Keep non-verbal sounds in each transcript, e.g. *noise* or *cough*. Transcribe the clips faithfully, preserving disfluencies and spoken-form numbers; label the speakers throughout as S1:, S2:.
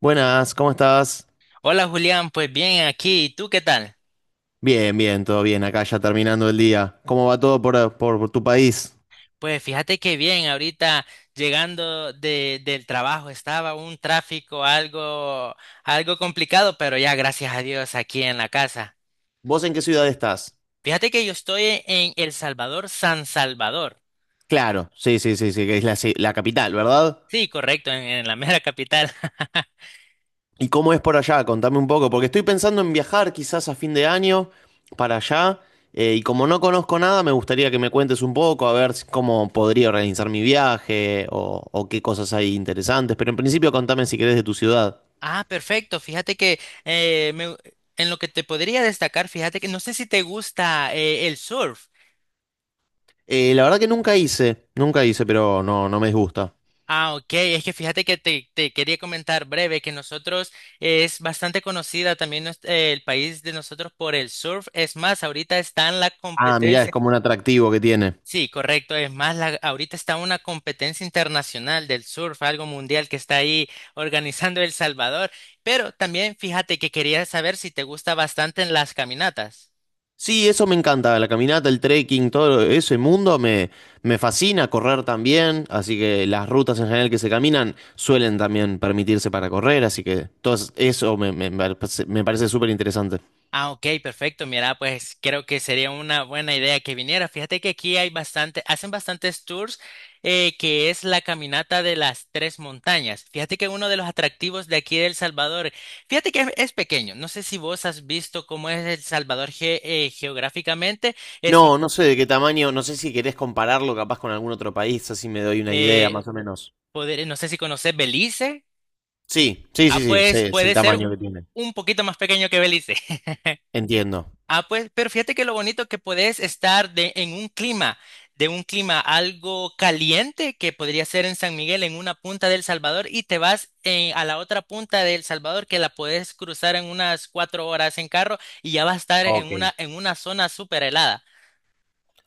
S1: Buenas, ¿cómo estás?
S2: Hola Julián, pues bien aquí, ¿y tú qué tal?
S1: Bien, bien, todo bien, acá ya terminando el día. ¿Cómo va todo por, por- por tu país?
S2: Pues fíjate que bien, ahorita llegando de, del trabajo, estaba un tráfico algo, algo complicado, pero ya gracias a Dios aquí en la casa.
S1: ¿Vos en qué ciudad estás?
S2: Fíjate que yo estoy en El Salvador, San Salvador.
S1: Claro, sí, sí, sí, sí, que es la, ci- la capital, ¿verdad?
S2: Sí, correcto, en, en la mera capital. *laughs*
S1: ¿Y cómo es por allá? Contame un poco, porque estoy pensando en viajar quizás a fin de año para allá, eh, y como no conozco nada, me gustaría que me cuentes un poco, a ver si- cómo podría organizar mi viaje o, o qué cosas hay interesantes, pero en principio contame si querés de tu ciudad.
S2: Ah, perfecto, fíjate que eh, me- en lo que te podría destacar, fíjate que no sé si te gusta, eh, el surf.
S1: Eh, la verdad que nunca hice, nunca hice, pero no, no me disgusta.
S2: Ah, ok, es que fíjate que te, te quería comentar breve que nosotros, es bastante conocida también nues- eh, el país de nosotros por el surf. Es más, ahorita está en la
S1: Ah, mirá, es
S2: competencia.
S1: como un atractivo que tiene.
S2: Sí, correcto, es más, la, ahorita está una competencia internacional del surf, algo mundial que está ahí organizando El Salvador. Pero también fíjate que quería saber si te gusta bastante en las caminatas.
S1: Sí, eso me encanta, la caminata, el trekking, todo ese mundo me, me fascina, correr también, así que las rutas en general que se caminan suelen también permitirse para correr, así que todo es- eso me, me- me parece me parece súper interesante.
S2: Ah, ok, perfecto. Mira, pues creo que sería una buena idea que viniera. Fíjate que aquí hay bastante, hacen bastantes tours, eh, que es la caminata de las tres montañas. Fíjate que uno de los atractivos de aquí de El Salvador, fíjate que es, es pequeño. No sé si vos has visto cómo es El Salvador ge- eh, geográficamente. Es un,
S1: No, no sé de qué tamaño, no sé si querés compararlo capaz con algún otro país, así me doy una idea
S2: eh,
S1: más o menos.
S2: poder, no sé si conoces Belice.
S1: Sí, sí,
S2: Ah,
S1: sí, sí,
S2: pues
S1: sé, es el
S2: puede ser
S1: tamaño que tiene.
S2: un poquito más pequeño que Belice.
S1: Entiendo.
S2: Ah, pues, pero fíjate que lo bonito, que podés estar de, en un clima, de un clima algo caliente, que podría ser en San Miguel, en una punta del Salvador, y te vas, eh, a la otra punta del Salvador, que la podés cruzar en unas cuatro horas en carro, y ya vas a estar en
S1: Ok.
S2: una, en una zona súper helada.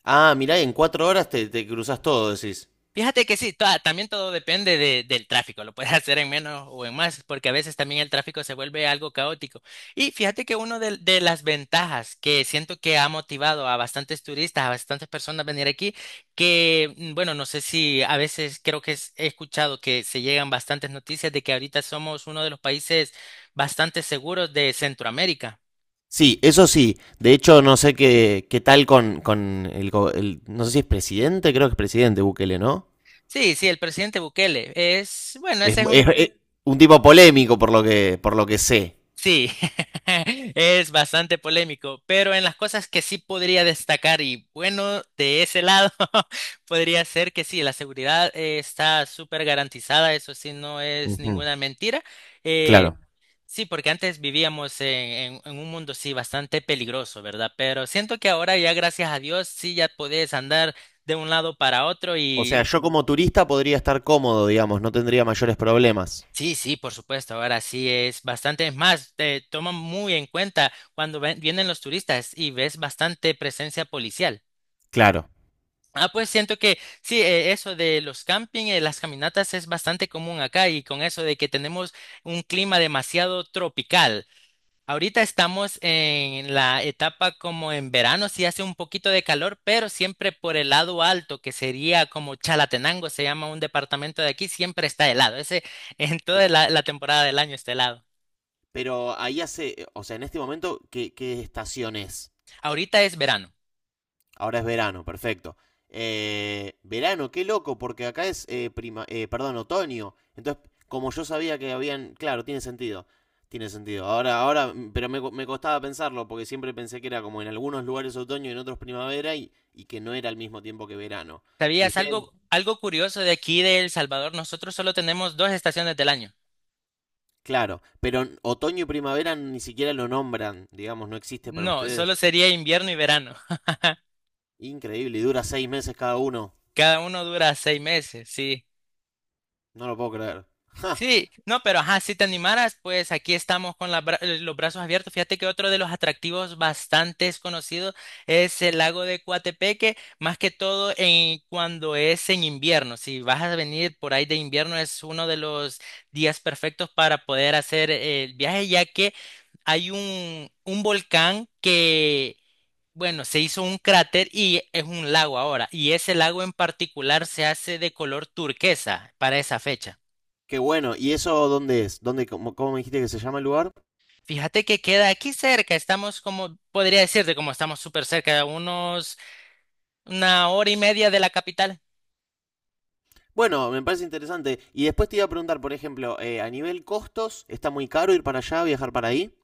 S1: Ah, mirá, en cuatro horas te, te cruzas todo, decís.
S2: Fíjate que sí, toda- también todo depende de- del tráfico, lo puedes *laughs* hacer en menos o en más, porque a veces también el tráfico se vuelve algo caótico. Y fíjate que una de, de las ventajas que siento que ha motivado a bastantes turistas, a bastantes personas a venir aquí, que mm, bueno, no sé, si a veces creo que es- he escuchado que se llegan bastantes noticias de que ahorita somos uno de los países bastante seguros de Centroamérica.
S1: Sí, eso sí. De hecho, no sé qué, qué tal con, con el, go- el- no sé si es presidente, creo que es presidente Bukele, ¿no?
S2: Sí, sí, el presidente Bukele es, bueno,
S1: Es,
S2: ese es
S1: mu-
S2: un...
S1: es- es un tipo polémico por lo que, por lo que sé.
S2: Sí, *laughs* es bastante polémico, pero en las cosas que sí podría destacar, y bueno, de ese lado, *laughs* podría ser que sí, la seguridad, eh, está súper garantizada, eso sí, no es
S1: Ujú.
S2: ninguna mentira. Eh,
S1: Claro.
S2: sí, porque antes vivíamos en, en- en un mundo, sí, bastante peligroso, ¿verdad? Pero siento que ahora ya, gracias a Dios, sí, ya podés andar de un lado para otro.
S1: O sea, yo como turista podría estar cómodo, digamos, no tendría mayores problemas.
S2: Sí, sí, por supuesto. Ahora sí es bastante, es más, te toman muy en cuenta cuando ven- vienen los turistas y ves bastante presencia policial.
S1: Claro.
S2: Ah, pues siento que sí, eh, eso de los camping, eh, las caminatas, es bastante común acá, y con eso de que tenemos un clima demasiado tropical. Ahorita estamos en la etapa como en verano, sí hace un poquito de calor, pero siempre por el lado alto, que sería como Chalatenango, se llama un departamento de aquí, siempre está helado. Ese *laughs* en toda la, la temporada del año está helado.
S1: Pero ahí hace, o sea, en este momento, ¿qué, qué estación es?
S2: Ahorita es verano.
S1: Ahora es verano, perfecto. Eh, verano, qué loco, porque acá es eh, prima, eh, perdón, otoño. Entonces, como yo sabía que habían, claro, tiene sentido, tiene sentido. Ahora, ahora, mm, pero me, me costaba pensarlo porque siempre pensé que era como en algunos lugares otoño y en otros primavera y, y que no era al mismo tiempo que verano. Y
S2: ¿Sabías
S1: ustedes,
S2: algo, algo curioso de aquí de El Salvador? Nosotros solo tenemos dos estaciones del año.
S1: claro, pero n- otoño y primavera ni siquiera lo nombran, digamos, no existe para
S2: No, solo
S1: ustedes.
S2: sería invierno y verano.
S1: Increíble, y dura seis meses cada uno.
S2: Cada uno dura seis meses, sí.
S1: No lo puedo creer. *laughs*
S2: Sí, no, pero ajá, si te animaras, pues aquí estamos con las bra- eh, los brazos abiertos. Fíjate que otro de los atractivos bastante conocidos es el lago de Coatepeque, más que todo en, cuando es en invierno. Si vas a venir por ahí de invierno, es uno de los días perfectos para poder hacer, eh, el viaje, ya que hay un, un volcán que, bueno, se hizo un cráter y es un lago ahora, y ese lago en particular se hace de color turquesa para esa fecha.
S1: Qué bueno. ¿Y eso dónde es? ¿Dónde, cómo, cómo me dijiste que se llama el lugar?
S2: Fíjate que queda aquí cerca, estamos como, podría decirte, como estamos súper cerca, a unos una hora y media de la capital.
S1: Bueno, me parece interesante. Y después te iba a preguntar, por ejemplo, eh, a nivel costos, ¿está muy caro ir para allá, viajar para ahí?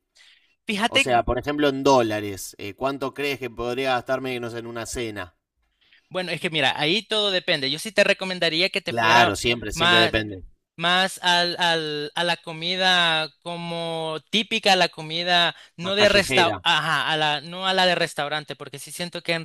S1: O
S2: Fíjate,
S1: sea, por ejemplo, en dólares, eh, ¿cuánto crees que podría gastarme, no sé, en una cena?
S2: bueno, es que mira, ahí todo depende. Yo sí te recomendaría que te fuera
S1: Claro, siempre, siempre
S2: más,
S1: depende.
S2: más al, al- a la comida como típica, la comida,
S1: Más
S2: no de resta,
S1: callejera,
S2: ajá, a la, no a la de restaurante, porque sí siento que en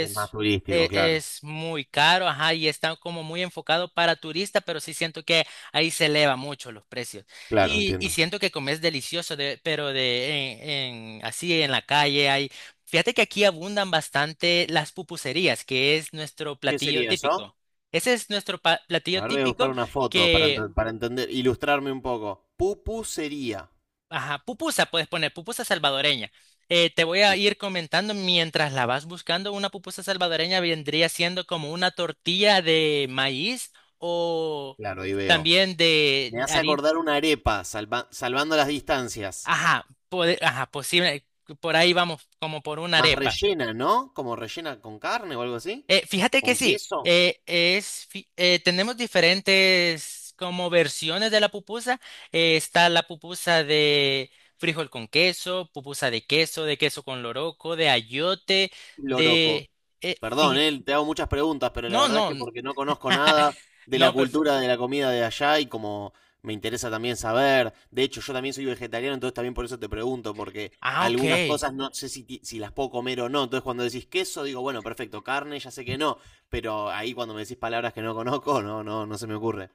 S1: es más turístico,
S2: e-
S1: claro.
S2: es muy caro, ajá, y está como muy enfocado para turista, pero sí siento que ahí se eleva mucho los precios.
S1: Claro,
S2: Y, y
S1: entiendo.
S2: siento que comes delicioso, de, pero de en, en- así en la calle hay. Fíjate que aquí abundan bastante las pupuserías, que es nuestro
S1: ¿Qué
S2: platillo
S1: sería eso?
S2: típico. Ese es nuestro pa- platillo
S1: A ver, voy a
S2: típico
S1: buscar una foto para,
S2: que,
S1: enten- para entender, ilustrarme un poco. Pupusería.
S2: ajá, pupusa puedes poner, pupusa salvadoreña. Eh, te voy a ir comentando mientras la vas buscando. Una pupusa salvadoreña vendría siendo como una tortilla de maíz o
S1: Claro, ahí veo.
S2: también de
S1: Me hace
S2: harina.
S1: acordar una arepa, salva- salvando las distancias.
S2: Ajá, pode- ajá, posible. Por ahí vamos, como por una
S1: Más
S2: arepa.
S1: rellena, ¿no? Como rellena con carne o algo así.
S2: Eh, fíjate que
S1: ¿Con
S2: sí,
S1: queso?
S2: eh, es, fi- eh, tenemos diferentes como versiones de la pupusa. Eh, está la pupusa de frijol con queso, pupusa de queso, de queso con loroco, de ayote,
S1: Loroco.
S2: de... eh,
S1: Perdón,
S2: fije-
S1: él te hago muchas preguntas, pero la
S2: No,
S1: verdad es
S2: no,
S1: que porque no conozco
S2: *laughs*
S1: nada de la
S2: no, perfecto.
S1: cultura de la comida de allá y como me interesa también saber. De hecho, yo también soy vegetariano, entonces también por eso te pregunto, porque
S2: Ah, ok.
S1: algunas cosas no sé si, ti- si las puedo comer o no. Entonces cuando decís queso, digo, bueno, perfecto, carne, ya sé que no. Pero ahí cuando me decís palabras que no conozco, *laughs* no, no, no se me ocurre.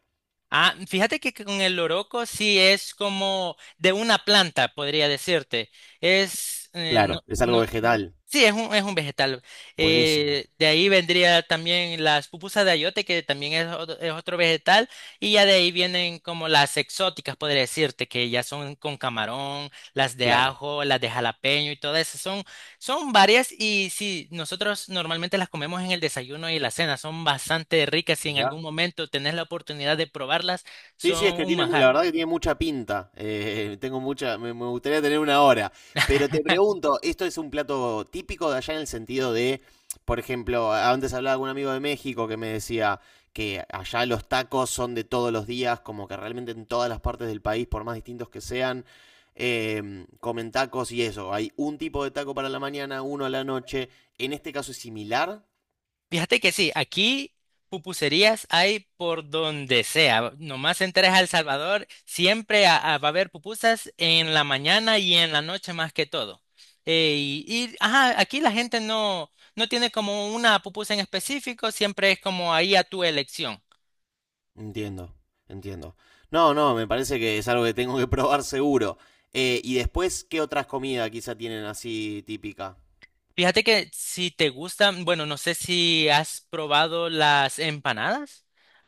S2: Ah, fíjate que con el loroco sí es como de una planta, podría decirte. Es... eh, no,
S1: Claro, es algo
S2: no-
S1: vegetal.
S2: sí, es un, es un vegetal.
S1: Buenísimo,
S2: Eh, de ahí vendría también las pupusas de ayote, que también es, ot- es otro vegetal, y ya de ahí vienen como las exóticas, podría decirte, que ya son con camarón, las de
S1: claro.
S2: ajo, las de jalapeño y todas esas. Son, son varias, y sí, nosotros normalmente las comemos en el desayuno y la cena, son bastante ricas, y en algún
S1: Mirá.
S2: momento tenés la oportunidad de probarlas,
S1: Sí, sí, es
S2: son
S1: que
S2: un
S1: tiene, mu- la
S2: manjar.
S1: verdad que tiene mucha pinta. Eh, *laughs* tengo mucha, me, me gustaría tener una hora. Pero te pregunto, ¿esto es un plato típico de allá en el sentido de, por ejemplo, antes hablaba con un amigo de México que me decía que allá los tacos son de todos los días, como que realmente en todas las partes del país, por más distintos que sean, em, comen tacos y eso. Hay un tipo de taco para la mañana, uno a la noche. ¿En este caso es similar?
S2: Fíjate que sí, aquí pupuserías hay por donde sea. Nomás entres a El Salvador, siempre a- a- va a haber pupusas en la mañana y en la noche, más que todo. Eh, y, y, ajá, aquí la gente no, no tiene como una pupusa en específico, siempre es como ahí a tu elección.
S1: Entiendo, entiendo. No, no, me parece que es algo que tengo que probar seguro. Eh, y después, ¿qué otras comidas quizá tienen así típica?
S2: Fíjate que si te gustan, bueno, no sé si has probado las empanadas.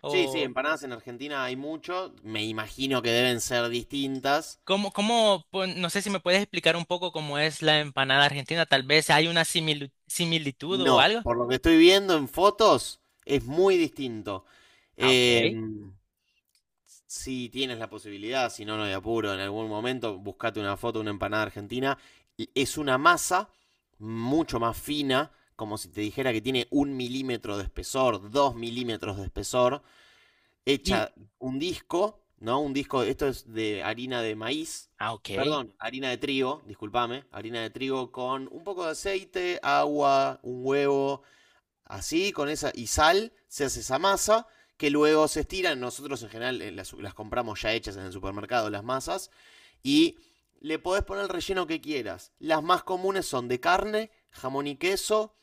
S1: Sí, sí, empanadas en Argentina hay mucho. Me imagino que deben ser distintas.
S2: ¿Cómo, cómo, Pues, no sé si me puedes explicar un poco cómo es la empanada argentina. Tal vez hay una similu- similitud o
S1: No,
S2: algo.
S1: por lo que estoy viendo en fotos, es muy distinto.
S2: Ah,
S1: Eh,
S2: ok.
S1: si tienes la posibilidad, si no, no hay apuro, en algún momento buscate una foto de una empanada argentina. Es una masa mucho más fina, como si te dijera que tiene un milímetro de espesor, dos milímetros de espesor,
S2: Y,
S1: hecha un disco, ¿no? Un disco, esto es de harina de maíz,
S2: ah, ok.
S1: perdón, harina de trigo, discúlpame, harina de trigo con un poco de aceite, agua, un huevo, así, con esa y sal, se hace esa masa que luego se estiran. Nosotros en general eh, las, las compramos ya hechas en el supermercado, las masas, y le podés poner el relleno que quieras. Las más comunes son de carne, jamón y queso.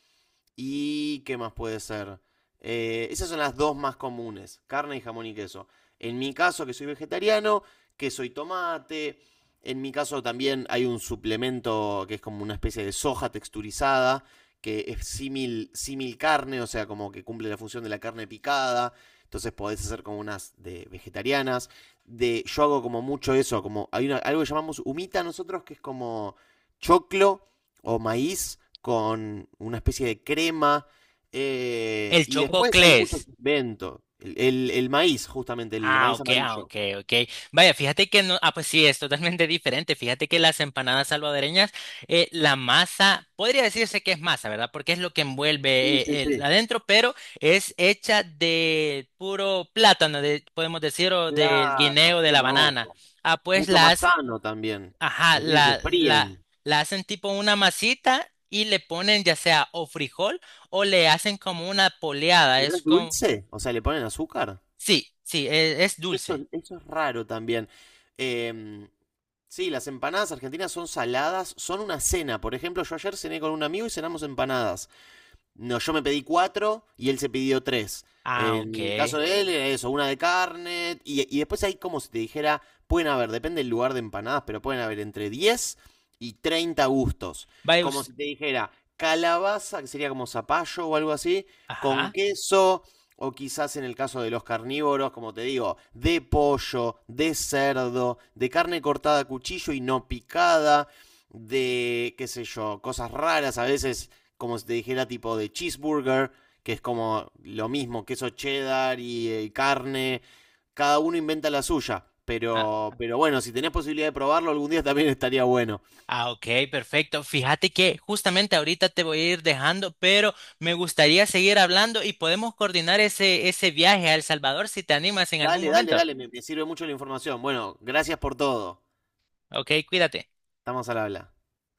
S1: ¿Y qué más puede ser? Eh, esas son las dos más comunes, carne y jamón y queso. En mi caso, que soy vegetariano, queso y tomate. En mi caso también hay un suplemento que es como una especie de soja texturizada, que es símil, símil carne, o sea, como que cumple la función de la carne picada. Entonces podés hacer como unas de vegetarianas. De, yo hago como mucho eso, como hay una- algo que llamamos humita nosotros, que es como choclo o maíz con una especie de crema. eh,
S2: El
S1: y después hay muchos
S2: chococlés.
S1: inventos. El, el- el maíz, justamente, el
S2: Ah,
S1: maíz
S2: ok, ah,
S1: amarillo.
S2: ok, ok. Vaya, fíjate que no, ah, pues sí, es totalmente *laughs* diferente. Fíjate que las empanadas salvadoreñas, eh, la masa, podría decirse que es masa, ¿verdad? Porque es lo que envuelve,
S1: Sí, sí,
S2: eh, el
S1: sí.
S2: adentro, pero es hecha de puro plátano, de, podemos decir, o del
S1: Claro,
S2: guineo, de
S1: qué
S2: la banana.
S1: loco.
S2: Ah, pues
S1: Mucho más
S2: las
S1: sano también.
S2: ajá,
S1: No sé si se
S2: la, la,
S1: fríen.
S2: la hacen tipo una masita y le ponen ya sea o frijol, o le hacen como una poleada.
S1: ¿Pero
S2: Es
S1: es
S2: como...
S1: dulce? O sea, ¿le ponen azúcar?
S2: Sí, sí, e- es
S1: Eso,
S2: dulce.
S1: eso es raro también. Em, sí, las empanadas argentinas son saladas, son una cena. Por ejemplo, yo ayer cené con un amigo y cenamos empanadas. No, yo me pedí cuatro y él se pidió tres.
S2: Ah,
S1: En
S2: ok.
S1: el caso de él era eso, una de carne. Y, y después hay como si te dijera, pueden haber, depende del lugar de empanadas, pero pueden haber entre diez y treinta gustos.
S2: Vaya
S1: Como
S2: usted.
S1: si te dijera, calabaza, que sería como zapallo o algo así, con
S2: Ajá.
S1: queso, o quizás en el caso de los carnívoros, como te digo, de pollo, de cerdo, de carne cortada a cuchillo y no picada, de, qué sé yo, cosas raras, a veces como si te dijera tipo de cheeseburger, que es como lo mismo, queso cheddar y, eh, carne. Cada uno inventa la suya.
S2: Ah,
S1: Pero, pero bueno, si tenés posibilidad de probarlo, algún día también *laughs* estaría bueno.
S2: ah, ok, perfecto. Fíjate que justamente ahorita te voy a ir dejando, pero me gustaría seguir hablando y podemos coordinar ese, ese viaje a El Salvador si te animas en algún
S1: Dale, dale,
S2: momento.
S1: dale, me, me sirve mucho la información. Bueno, gracias por todo.
S2: Ok, cuídate.
S1: Estamos al habla.